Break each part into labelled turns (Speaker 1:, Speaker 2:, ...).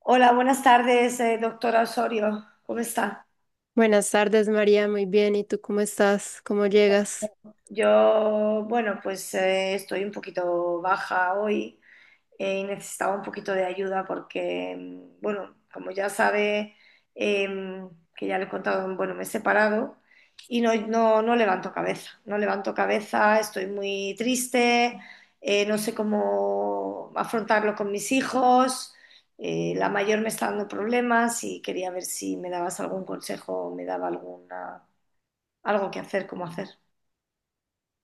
Speaker 1: Hola, buenas tardes, doctora Osorio. ¿Cómo está?
Speaker 2: Buenas tardes, María. Muy bien. ¿Y tú cómo estás? ¿Cómo llegas?
Speaker 1: Yo, bueno, estoy un poquito baja hoy y necesitaba un poquito de ayuda porque, bueno, como ya sabe, em, que ya le he contado, bueno, me he separado y no, no, no levanto cabeza, no levanto cabeza, estoy muy triste, no sé cómo afrontarlo con mis hijos, la mayor me está dando problemas y quería ver si me dabas algún consejo, me daba alguna, algo que hacer, cómo hacer.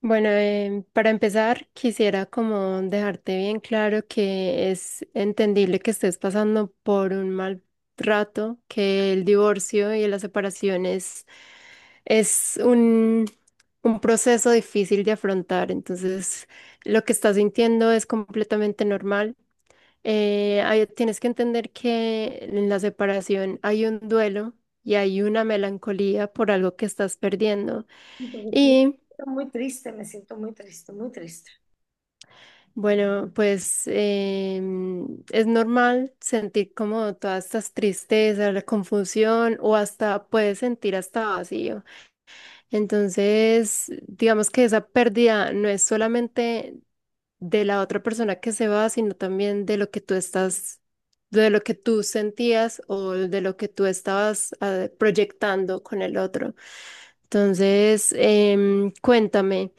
Speaker 2: Bueno, para empezar, quisiera como dejarte bien claro que es entendible que estés pasando por un mal rato, que el divorcio y la separación es un proceso difícil de afrontar. Entonces, lo que estás sintiendo es completamente normal. Tienes que entender que en la separación hay un duelo y hay una melancolía por algo que estás perdiendo.
Speaker 1: Sí, porque sí,
Speaker 2: Y
Speaker 1: estoy muy triste, me siento muy triste, muy triste.
Speaker 2: bueno, pues es normal sentir como todas estas tristezas, la confusión o hasta puedes sentir hasta vacío. Entonces, digamos que esa pérdida no es solamente de la otra persona que se va, sino también de lo que tú estás, de lo que tú sentías o de lo que tú estabas proyectando con el otro. Entonces, cuéntame,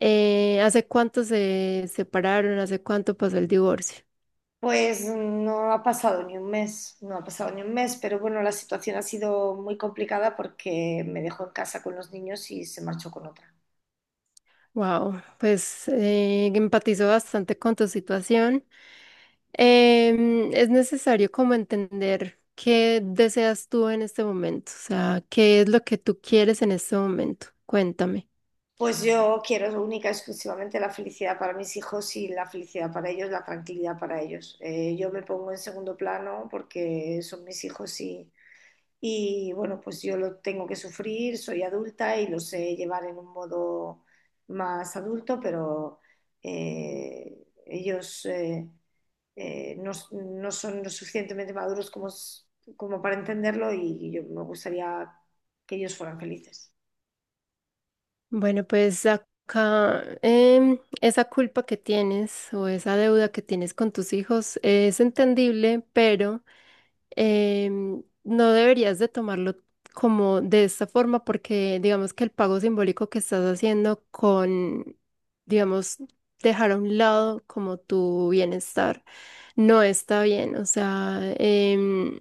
Speaker 2: ¿hace cuánto se separaron? ¿Hace cuánto pasó el divorcio?
Speaker 1: Pues no ha pasado ni un mes, no ha pasado ni un mes, pero bueno, la situación ha sido muy complicada porque me dejó en casa con los niños y se marchó con otra.
Speaker 2: Wow, pues empatizo bastante con tu situación. Es necesario como entender qué deseas tú en este momento, o sea, qué es lo que tú quieres en este momento. Cuéntame.
Speaker 1: Pues yo quiero única y exclusivamente la felicidad para mis hijos y la felicidad para ellos, la tranquilidad para ellos. Yo me pongo en segundo plano porque son mis hijos y. Y bueno, pues yo lo tengo que sufrir, soy adulta y lo sé llevar en un modo más adulto, pero ellos no, no son lo suficientemente maduros como, como para entenderlo y yo me gustaría que ellos fueran felices.
Speaker 2: Bueno, pues acá esa culpa que tienes o esa deuda que tienes con tus hijos es entendible, pero no deberías de tomarlo como de esta forma porque digamos que el pago simbólico que estás haciendo con, digamos, dejar a un lado como tu bienestar no está bien. O sea,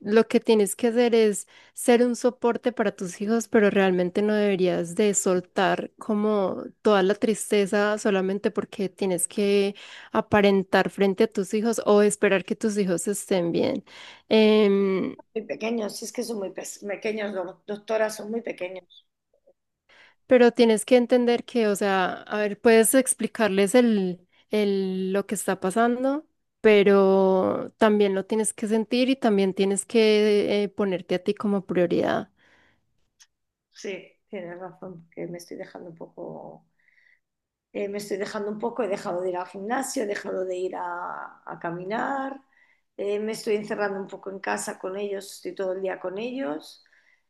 Speaker 2: lo que tienes que hacer es ser un soporte para tus hijos, pero realmente no deberías de soltar como toda la tristeza solamente porque tienes que aparentar frente a tus hijos o esperar que tus hijos estén bien. Em,
Speaker 1: Muy pequeños, si es que son muy pequeños, doctora, son muy pequeños.
Speaker 2: pero tienes que entender que, o sea, a ver, puedes explicarles lo que está pasando, pero también lo tienes que sentir y también tienes que ponerte a ti como prioridad.
Speaker 1: Sí, tienes razón, que me estoy dejando un poco me estoy dejando un poco, he dejado de ir al gimnasio, he dejado de ir a caminar, me estoy encerrando un poco en casa con ellos, estoy todo el día con ellos,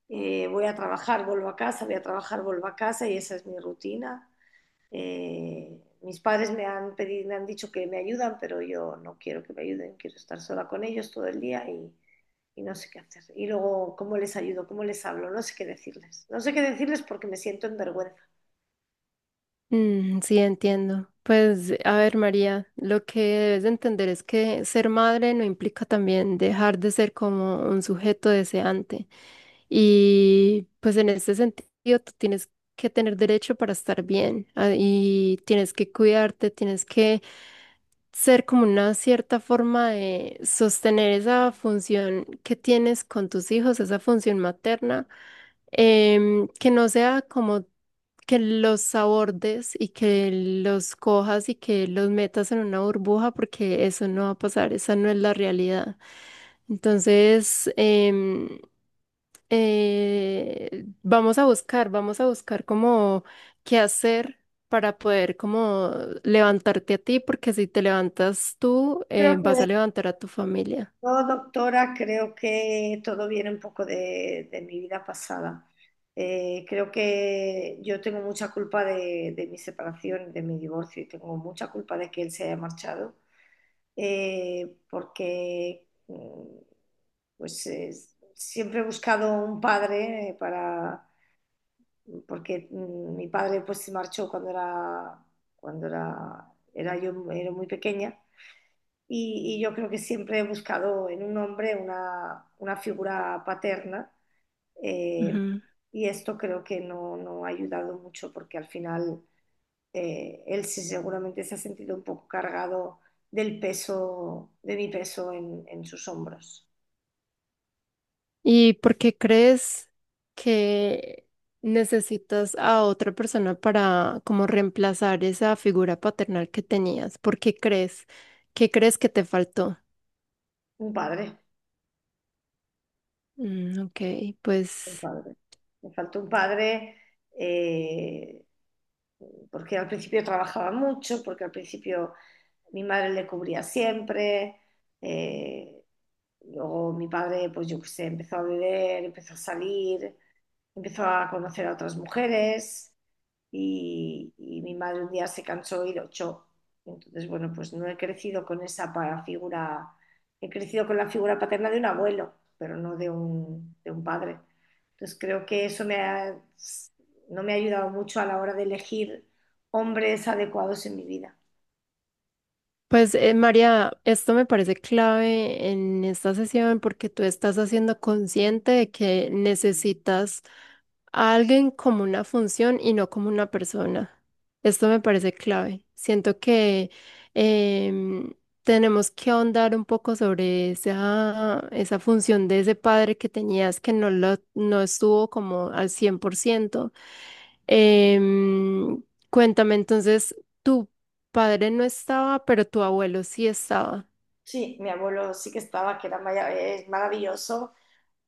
Speaker 1: voy a trabajar, vuelvo a casa, voy a trabajar, vuelvo a casa y esa es mi rutina. Mis padres me han pedido, me han dicho que me ayudan, pero yo no quiero que me ayuden, quiero estar sola con ellos todo el día y no sé qué hacer. Y luego, ¿cómo les ayudo? ¿Cómo les hablo? No sé qué decirles. No sé qué decirles porque me siento en vergüenza.
Speaker 2: Mm, sí, entiendo. Pues, a ver, María, lo que debes de entender es que ser madre no implica también dejar de ser como un sujeto deseante. Y pues en ese sentido, tú tienes que tener derecho para estar bien y tienes que cuidarte, tienes que ser como una cierta forma de sostener esa función que tienes con tus hijos, esa función materna, que no sea como que los abordes y que los cojas y que los metas en una burbuja, porque eso no va a pasar, esa no es la realidad. Entonces, vamos a buscar como qué hacer para poder como levantarte a ti, porque si te levantas tú,
Speaker 1: Creo que
Speaker 2: vas a levantar a tu familia.
Speaker 1: yo, doctora, creo que todo viene un poco de mi vida pasada. Creo que yo tengo mucha culpa de mi separación, de mi divorcio, y tengo mucha culpa de que él se haya marchado, porque mm, pues siempre he buscado un padre para, mi padre pues se marchó era yo, era muy pequeña y yo creo que siempre he buscado en un hombre una figura paterna eh,
Speaker 2: Ujú.
Speaker 1: y esto creo que no, no ha ayudado mucho porque al final él sí seguramente se ha sentido un poco cargado del peso, de mi peso en sus hombros.
Speaker 2: ¿Y por qué crees que necesitas a otra persona para como reemplazar esa figura paternal que tenías? ¿Por qué crees? ¿Qué crees que te faltó?
Speaker 1: Un padre.
Speaker 2: Mm, ok.
Speaker 1: Un
Speaker 2: Pues
Speaker 1: padre. Me faltó un padre eh, porque al principio trabajaba mucho, porque al principio mi madre le cubría siempre. eh, Luego mi padre, pues yo qué sé, empezó a beber, empezó a salir, empezó a conocer a otras mujeres y mi madre un día se cansó y lo echó. Entonces, bueno, pues no he crecido con esa figura, he crecido con la figura paterna de un abuelo, pero no de un, de un padre. Entonces creo que no me ha ayudado mucho a la hora de elegir hombres adecuados en mi vida.
Speaker 2: Pues María, esto me parece clave en esta sesión porque tú estás haciendo consciente de que necesitas a alguien como una función y no como una persona. Esto me parece clave. Siento que em, tenemos que ahondar un poco sobre esa, esa función de ese padre que tenías que no, lo, no estuvo como al 100%. Em, Cuéntame entonces, tu padre no estaba, pero tu abuelo sí estaba.
Speaker 1: Sí, mi abuelo sí que estaba, que era es maravilloso.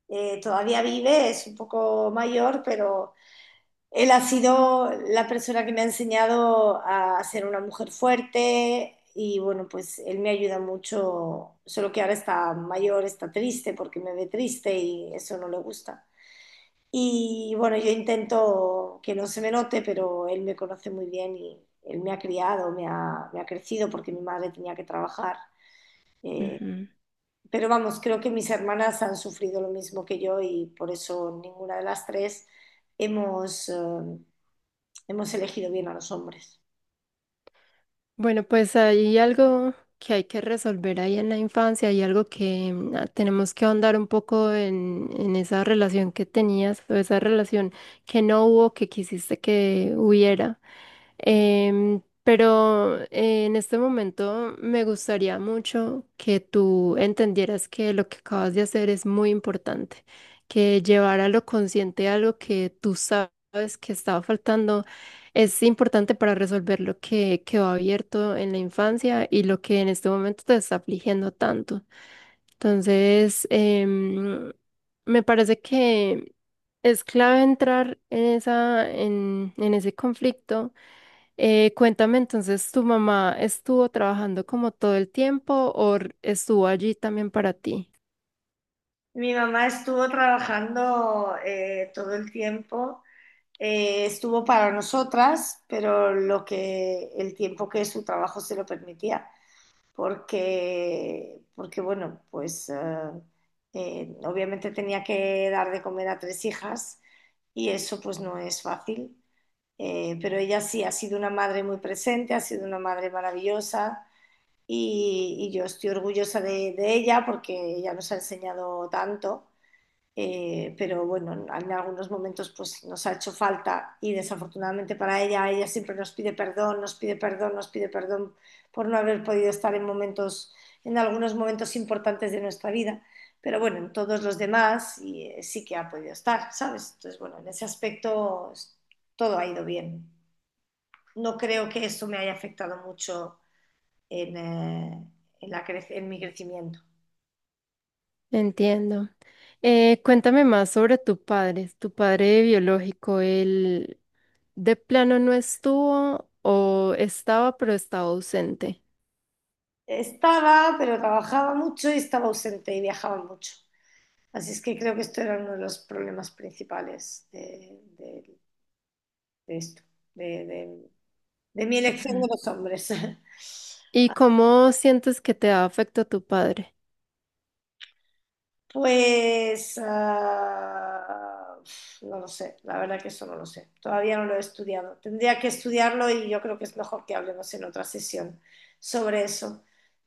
Speaker 1: Todavía vive, es un poco mayor, pero él ha sido la persona que me ha enseñado a ser una mujer fuerte y bueno, pues él me ayuda mucho, solo que ahora está mayor, está triste porque me ve triste y eso no le gusta. Y bueno, yo intento que no se me note, pero él me conoce muy bien y él me ha criado, me ha crecido porque mi madre tenía que trabajar. Eh, pero vamos, creo que mis hermanas han sufrido lo mismo que yo y por eso ninguna de las tres hemos... eh, hemos elegido bien a los hombres.
Speaker 2: Bueno, pues hay algo que hay que resolver ahí en la infancia, hay algo que tenemos que ahondar un poco en esa relación que tenías o esa relación que no hubo, que quisiste que hubiera. Pero en este momento me gustaría mucho que tú entendieras que lo que acabas de hacer es muy importante, que llevar a lo consciente algo que tú sabes que estaba faltando es importante para resolver lo que quedó abierto en la infancia y lo que en este momento te está afligiendo tanto. Entonces, me parece que es clave entrar en esa, en ese conflicto. Cuéntame entonces, ¿tu mamá estuvo trabajando como todo el tiempo o r- estuvo allí también para ti?
Speaker 1: Mi mamá estuvo trabajando todo el tiempo. Estuvo para nosotras, pero lo que el tiempo que su trabajo se lo permitía, porque bueno, obviamente tenía que dar de comer a tres hijas y eso pues no es fácil. Pero ella sí ha sido una madre muy presente, ha sido una madre maravillosa, y yo estoy orgullosa de ella porque ella nos ha enseñado tanto, pero bueno, en algunos momentos pues nos ha hecho falta y desafortunadamente para ella, ella siempre nos pide perdón, nos pide perdón, nos pide perdón por no haber podido estar en momentos, en algunos momentos importantes de nuestra vida. Pero bueno, en todos los demás y, sí que ha podido estar, ¿sabes? Entonces, bueno, en ese aspecto todo ha ido bien. No creo que eso me haya afectado mucho en, en mi crecimiento.
Speaker 2: Entiendo. Cuéntame más sobre tu padre biológico. ¿Él de plano no estuvo o estaba pero estaba ausente?
Speaker 1: Estaba, pero trabajaba mucho y estaba ausente y viajaba mucho. Así es que creo que esto era uno de los problemas principales de esto, de, de- de mi elección
Speaker 2: Ujú.
Speaker 1: de los hombres.
Speaker 2: ¿Y cómo sientes que te ha afectado tu padre?
Speaker 1: Pues ah, no lo sé, la verdad que eso no lo sé. Todavía no lo he estudiado. Tendría que estudiarlo y yo creo que es mejor que hablemos en otra sesión sobre eso,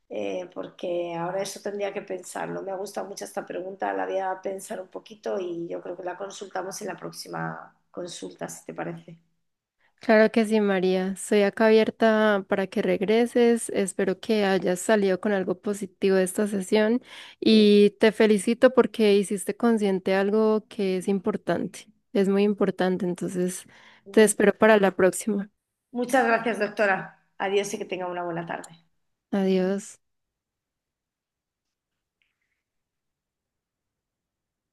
Speaker 1: porque ahora eso tendría que pensarlo. Me gusta mucho esta pregunta, la voy a pensar un poquito y yo creo que la consultamos en la próxima consulta, si te parece.
Speaker 2: Claro que sí, María. Soy acá abierta para que regreses. Espero que hayas salido con algo positivo de esta sesión y te felicito porque hiciste consciente algo que es importante. Es muy importante, entonces te espero para la próxima.
Speaker 1: Muchas gracias, doctora. Adiós y que tenga una buena tarde.
Speaker 2: Adiós.